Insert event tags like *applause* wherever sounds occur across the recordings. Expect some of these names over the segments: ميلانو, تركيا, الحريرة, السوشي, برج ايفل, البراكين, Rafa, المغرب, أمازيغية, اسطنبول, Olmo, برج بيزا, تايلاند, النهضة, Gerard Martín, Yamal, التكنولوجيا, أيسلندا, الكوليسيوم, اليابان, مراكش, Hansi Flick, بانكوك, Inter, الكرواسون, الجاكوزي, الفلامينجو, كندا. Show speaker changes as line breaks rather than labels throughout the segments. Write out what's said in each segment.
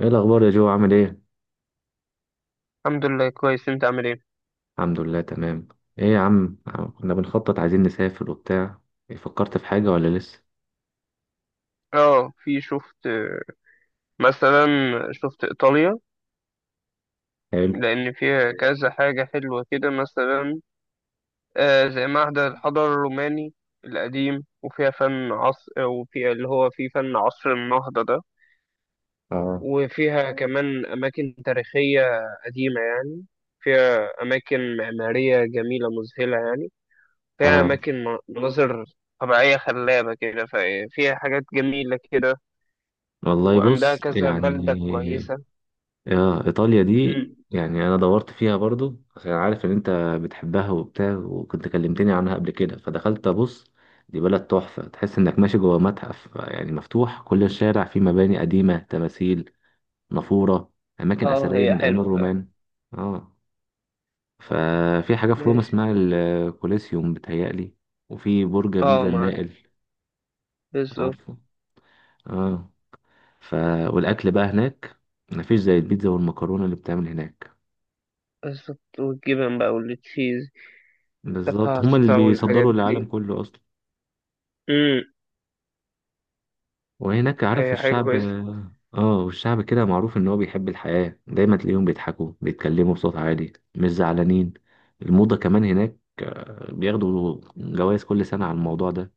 ايه الاخبار يا جو، عامل ايه؟
الحمد لله كويس، انت عامل ايه؟
الحمد لله، تمام. ايه يا عم؟ كنا بنخطط، عايزين نسافر وبتاع. إيه، فكرت في حاجة ولا لسه؟
اه في شفت مثلا شفت ايطاليا
حلو.
لان فيها كذا حاجه حلوه كده. مثلا آه زي معهد الحضاره الروماني القديم، وفيها فن عصر، وفيها اللي هو فيه فن عصر النهضه ده.
اه.
وفيها كمان اماكن تاريخيه قديمه يعني، فيها اماكن معماريه جميله مذهله يعني، فيها
اه،
اماكن مناظر طبيعيه خلابه كده. ففيها حاجات جميله كده
والله
وعندها
بص،
كذا بلدة
يعني
كويسة.
اه ايطاليا دي،
مم.
يعني انا دورت فيها برضو عشان عارف ان انت بتحبها وبتاع، وكنت كلمتني عنها قبل كده فدخلت ابص. دي بلد تحفة، تحس انك ماشي جوه متحف، يعني مفتوح كل الشارع فيه مباني قديمة، تماثيل، نافورة، اماكن
اه
اثرية
هي
من ايام
حلوة فعلا.
الرومان. اه. ففي حاجة في روما
ماشي.
اسمها الكوليسيوم بتهيألي، وفي برج
اه
بيزا
معدن،
المائل.
بالظبط.
عارفه؟ اه. ف والأكل بقى هناك، مفيش زي البيتزا والمكرونة اللي بتعمل هناك.
بالظبط، والجبن بقى والتشيز.
بالظبط، هما اللي
الباستا والحاجات
بيصدروا للعالم
دي.
كله أصلا.
مم.
وهناك عارف
هي حاجة
الشعب،
كويسة.
اه، والشعب كده معروف إن هو بيحب الحياة، دايما تلاقيهم بيضحكوا، بيتكلموا بصوت عالي، مش زعلانين. الموضة كمان هناك، بياخدوا جوائز كل سنة على الموضوع ده.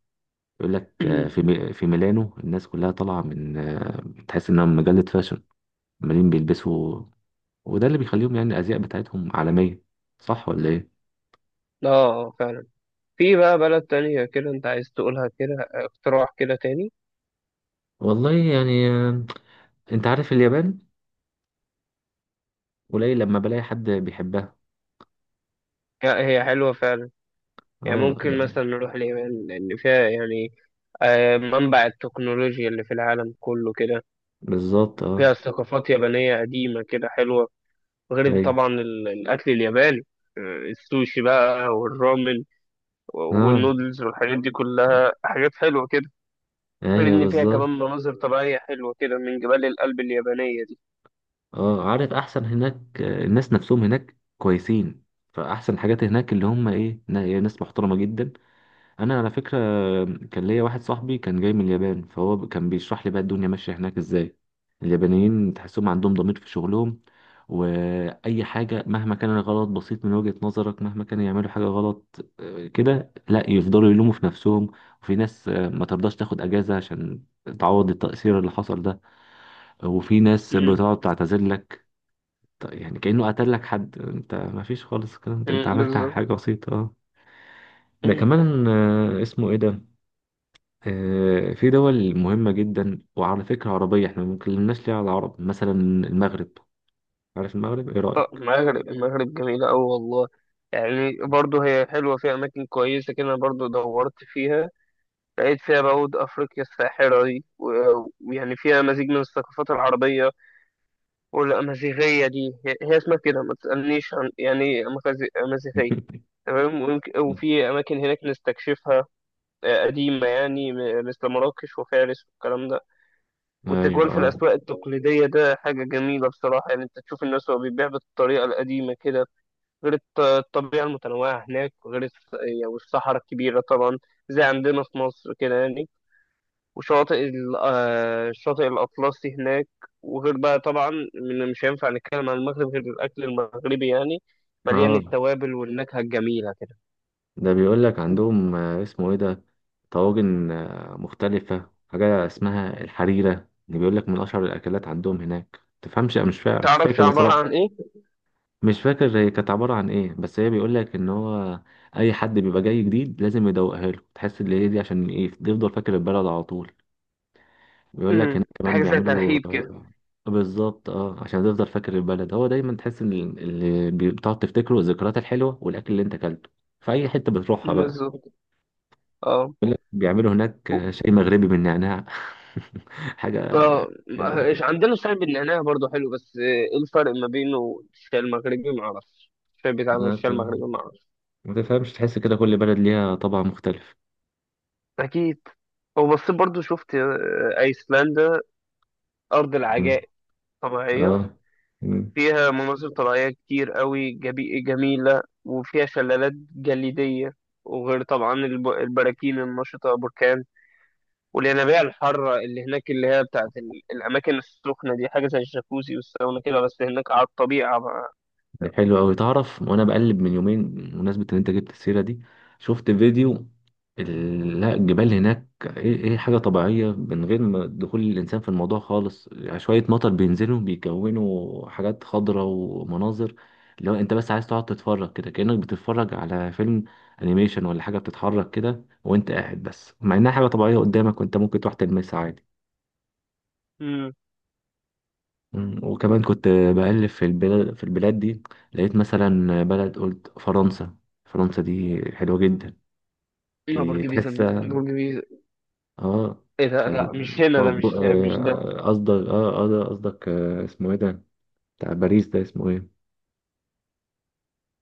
يقول لك
مم.
في في ميلانو الناس كلها طالعه من، تحس انها مجله فاشن. عمالين بيلبسوا. وده اللي بيخليهم يعني الازياء بتاعتهم عالميه. صح ولا ايه؟
اه فعلا. في بقى بلد تانية كده انت عايز تقولها كده اقتراح كده تاني؟
والله يعني، انت عارف اليابان، قليل لما بلاقي حد بيحبها.
لا، هي حلوة فعلا. يعني
اه،
ممكن
يعني
مثلا نروح اليابان، لأن فيها يعني منبع التكنولوجيا اللي في العالم كله كده.
بالظبط.
فيها
اه،
ثقافات يابانية قديمة كده حلوة، غير
ايوه،
طبعا الأكل الياباني. السوشي بقى والرامن
اه،
والنودلز والحاجات دي كلها حاجات حلوة كده. غير
ايوه
إن فيها
بالظبط.
كمان مناظر طبيعية حلوة كده من جبال الألب اليابانية دي.
اه، عارف احسن هناك الناس نفسهم هناك كويسين. فاحسن حاجات هناك اللي هم ايه، ناس محترمه جدا. انا على فكره كان ليا واحد صاحبي كان جاي من اليابان، فهو كان بيشرح لي بقى الدنيا ماشيه هناك ازاي. اليابانيين تحسهم عندهم ضمير في شغلهم، واي حاجه مهما كان الغلط بسيط من وجهه نظرك، مهما كانوا يعملوا حاجه غلط كده، لا يفضلوا يلوموا في نفسهم. وفي ناس ما ترضاش تاخد اجازه عشان تعوض التاثير اللي حصل ده. وفي ناس
مم.
بتقعد تعتذر لك. يعني كأنه قتل لك حد، انت ما فيش خالص الكلام ده، انت
مم،
عملت
بالظبط.
حاجة بسيطة. اه، ده
مم.
كمان اسمه ايه ده. في دول مهمة جدا. وعلى فكرة عربية، احنا ما اتكلمناش ليه على العرب مثلا. المغرب. عارف المغرب، ايه
آه،
رأيك؟
المغرب. المغرب جميلة أوي والله. يعني برضه هي حلوة، فيها أماكن كويسة كده. أنا برضه دورت فيها، لقيت فيها بعود أفريقيا الساحرة دي ويعني فيها مزيج من الثقافات العربية والأمازيغية. دي هي هي اسمها كده، ما تسألنيش عن يعني إيه أمازيغية.
*laughs*
تمام وفي أماكن هناك نستكشفها آه، قديمة يعني مثل مراكش وفارس والكلام ده.
ايوه،
والتجوال في
اه.
الأسواق التقليدية ده حاجة جميلة بصراحة يعني، أنت تشوف الناس وهو بيبيع بالطريقة القديمة كده. غير الطبيعة المتنوعة هناك، وغير يعني والصحراء الكبيرة طبعا زي عندنا في مصر كده يعني. وشاطئ الشاطئ الأطلسي هناك. وغير بقى طبعا، من مش هينفع نتكلم عن المغرب غير الأكل المغربي يعني، مليان
اه،
التوابل والنكهة الجميلة كده.
ده بيقول لك عندهم اسمه ايه ده، طواجن مختلفة. حاجة اسمها الحريرة اللي بيقول لك من أشهر الأكلات عندهم هناك. تفهمش، مش فاكر مش
متعرفش
فاكر
عبارة عن
بصراحة.
إيه؟
مش فاكر هي كانت عبارة عن ايه، بس هي بيقول لك ان هو اي حد بيبقى جاي جديد لازم يدوقها له، تحس ان هي دي عشان ايه يفضل فاكر البلد على طول. بيقول لك
أمم،
هناك كمان
حاجة زي
بيعملوا
ترحيب كده.
بالظبط اه، عشان تفضل فاكر البلد. هو دايما تحس ان اللي بتقعد تفتكره الذكريات الحلوه والاكل اللي انت اكلته في اي حته بتروحها بقى.
بالظبط اه.
بيقول لك بيعملوا هناك
و-
شاي مغربي بالنعناع *laughs* حاجه
اه
حلوه كده.
عندنا شاي بالنعناع برضه حلو، بس آه، ايه الفرق ما بينه والشاي المغربي؟ معرفش. الشاي بتاعنا
ما ت-
والشاي المغربي معرفش.
ما تفهمش، تحس كده كل بلد ليها طبع مختلف.
أكيد. وبصيت برضه شفت آه، أيسلندا، أرض
مم.
العجائب طبيعية
اه،
فيها مناظر طبيعية كتير قوي جميلة، وفيها شلالات جليدية، وغير طبعا البراكين النشطة بركان، والينابيع الحارة اللي هناك اللي هي بتاعت الأماكن السخنة دي. حاجة زي الجاكوزي والساونا كده، بس هناك على الطبيعة بقى.
ده حلو أوي، تعرف. وأنا بقلب من يومين بمناسبة إن أنت جبت السيرة دي، شفت فيديو. لا، الجبال هناك، إيه إيه حاجة طبيعية من غير ما دخول الإنسان في الموضوع خالص، يعني شوية مطر بينزلوا بيكونوا حاجات خضراء ومناظر. لو أنت بس عايز تقعد تتفرج كده كأنك بتتفرج على فيلم أنيميشن ولا حاجة بتتحرك كده، وأنت قاعد بس، مع إنها حاجة طبيعية قدامك وأنت ممكن تروح تلمسها عادي.
امم.
مم. وكمان كنت بقلب في البلاد دي لقيت مثلا بلد، قلت فرنسا. فرنسا دي حلوة جدا،
لا،
دي
برج بيزا،
تحسها.
برج بيزا.
اه.
ايه ده؟
ف
لا مش هنا ده، مش ده.
قصدك، ده قصدك، اسمه ايه ده، بتاع باريس ده اسمه ايه؟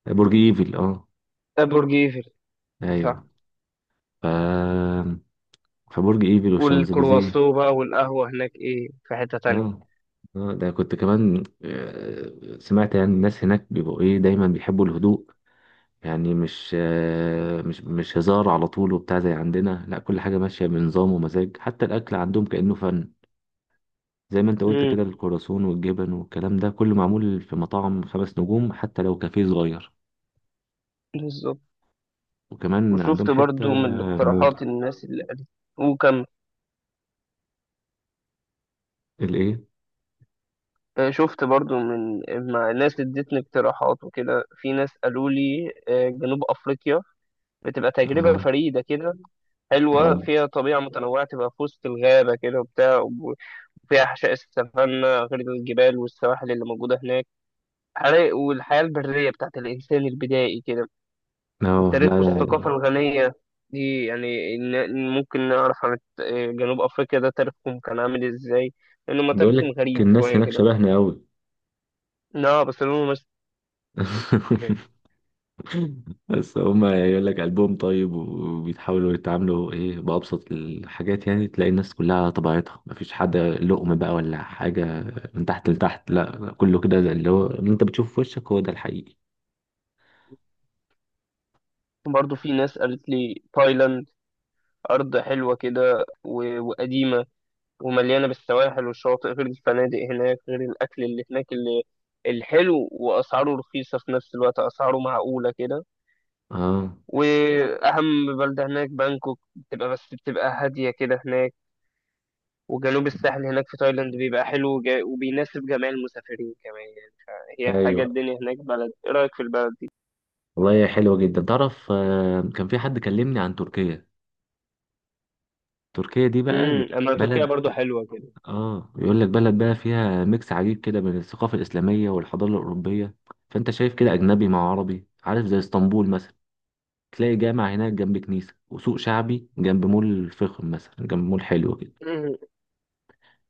برج ايفل. اه،
ده برج ايفل،
ايوه.
صح.
ف فبرج ايفل والشانزليزيه.
والكرواسو بقى والقهوة هناك، ايه في حتة تانية؟
اه. اه، ده كنت كمان سمعت يعني الناس هناك بيبقوا ايه دايما بيحبوا الهدوء. يعني مش آه، مش مش هزار على طول وبتاع زي عندنا، لا كل حاجة ماشية بنظام ومزاج، حتى الأكل عندهم كأنه فن. زي ما انت قلت كده،
امم،
الكرواسون والجبن والكلام ده كله معمول في مطاعم خمس نجوم، حتى لو كافيه صغير.
بالظبط.
وكمان
وشفت
عندهم حتة
برضو من
موضة.
الاقتراحات الناس اللي قالت. وكمل.
الايه؟
آه، شفت برضو من، مع ناس ادتني اقتراحات وكده. في ناس قالوا لي آه، جنوب افريقيا بتبقى تجربه
اه.
فريده كده، حلوه
اه،
فيها طبيعه متنوعه، تبقى في وسط الغابه كده وبتاع. وفيها حشائش السافانا، غير الجبال والسواحل اللي موجوده هناك، والحياه البريه بتاعت الانسان البدائي كده،
لا
والتاريخ
لا،
والثقافه الغنيه دي. يعني ممكن نعرف عن جنوب افريقيا ده تاريخهم كان عامل ازاي، لانه ما
بيقول
تاريخهم
لك
غريب
الناس
شويه
هناك
كده.
شبهنا قوي.
لا بس لونه مش
*laughs*
*laughs*
بس هما يقول لك قلبهم طيب، وبيتحاولوا يتعاملوا ايه بأبسط الحاجات، يعني تلاقي الناس كلها على طبيعتها، مفيش حد لقم بقى ولا حاجة من تحت لتحت. لا كله كده زي اللي هو اللي انت بتشوفه في وشك هو ده الحقيقي.
وبرضه في ناس قالت لي تايلاند، أرض حلوة كده وقديمة، ومليانة بالسواحل والشواطئ، غير الفنادق هناك، غير الأكل اللي هناك اللي الحلو، وأسعاره رخيصة في نفس الوقت، أسعاره معقولة كده.
اه،
وأهم بلدة هناك بانكوك، بتبقى بس بتبقى هادية كده هناك. وجنوب الساحل هناك في تايلاند بيبقى حلو وبيناسب جميع المسافرين كمان يعني. فهي حاجة،
ايوه.
الدنيا هناك بلد، إيه رأيك في البلد؟
والله هي حلوة جدا. تعرف، كان في حد كلمني عن تركيا. تركيا دي بقى
أما تركيا
بلد.
برضو حلوة
اه، بيقول لك بلد بقى فيها ميكس عجيب كده بين الثقافة الإسلامية والحضارة الأوروبية. فانت شايف كده أجنبي مع عربي، عارف، زي اسطنبول مثلا، تلاقي جامع هناك جنب كنيسة، وسوق شعبي جنب مول فخم مثلا، جنب مول حلو كده.
كده.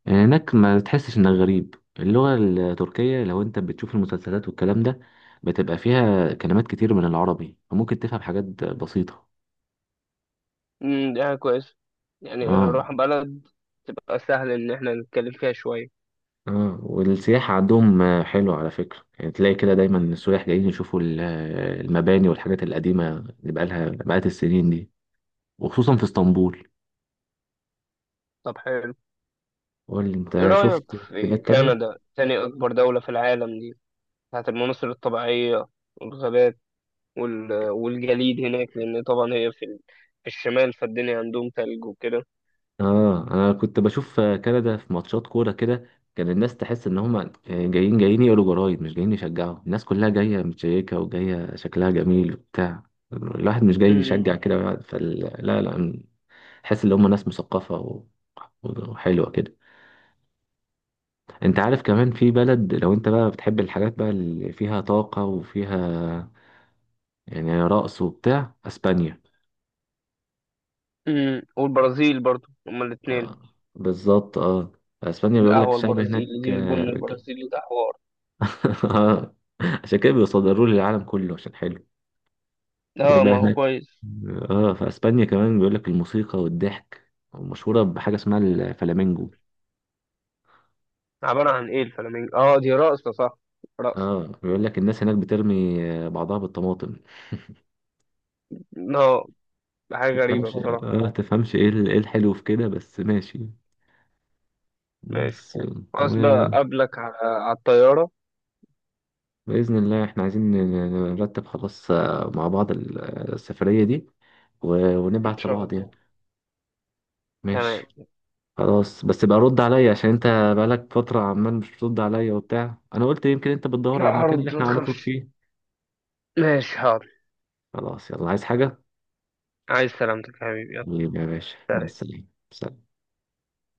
يعني هناك ما تحسش انك غريب. اللغة التركية لو انت بتشوف المسلسلات والكلام ده، بتبقى فيها كلمات كتير من العربي، فممكن تفهم حاجات بسيطة.
امم، دي حاجة كويسة، يعني
اه.
هنروح بلد تبقى سهل إن احنا نتكلم فيها شوية.
اه، والسياحة عندهم حلوة على فكرة، يعني تلاقي كده دايما السياح جايين يشوفوا المباني والحاجات القديمة اللي بقالها بقالت السنين دي، وخصوصا في اسطنبول.
طب حلو.
قول لي
ايه
انت، شفت
رأيك
بلاد
في
تانية؟
كندا، تاني أكبر دولة في العالم دي، بتاعت المناظر الطبيعية والغابات والجليد هناك؟ لأن طبعا هي في الشمال، فالدنيا عندهم تلج وكده.
اه، انا كنت بشوف كندا في ماتشات كوره كده، كان الناس تحس ان هم جايين يقولوا جرايد مش جايين يشجعوا. الناس كلها جايه متشيكه، وجايه شكلها جميل وبتاع. الواحد مش جاي
امم.
يشجع كده، لا لا، حس ان هم ناس مثقفه وحلوه كده. انت عارف كمان في بلد، لو انت بقى بتحب الحاجات بقى اللي فيها طاقه وفيها يعني رقص وبتاع، اسبانيا.
امم، والبرازيل برضو، هما الاتنين.
آه، بالظبط اه. اسبانيا بيقول لك
القهوة
الشعب
البرازيلي
هناك.
دي والبن البرازيلي ده حوار.
*laughs* آه. عشان كده بيصدروه للعالم كله عشان حلو. غير
اه
بقى
ما هو
هناك،
كويس.
اه، في اسبانيا كمان بيقول لك الموسيقى والضحك مشهورة بحاجة اسمها الفلامينجو.
عبارة عن ايه الفلامينجو؟ اه دي رقصة، صح، رقصة.
اه، بيقول لك الناس هناك بترمي بعضها بالطماطم.
اه، حاجة غريبة
تفهمش،
بصراحة.
اه تفهمش ايه ايه الحلو في كده، بس ماشي.
ماشي.
بس.
خلاص بقى
و...
قبلك على على الطيارة.
بإذن الله احنا عايزين نرتب خلاص، مع بعض السفرية دي، و...
ان
ونبعت
شاء
لبعض يعني.
الله.
ماشي.
تمام.
خلاص بس بقى رد عليا عشان انت بقالك فترة عمال مش بترد عليا وبتاع، انا قلت يمكن انت بتدور على
لا
المكان اللي
هرد، ما
احنا هنخرج
تخافش.
فيه.
ماشي، حاضر.
خلاص يلا، عايز حاجة؟
عايز سلامتك يا حبيبي، يلا.
حبيبي يا باشا، مع
سلام.
السلامة. سلام.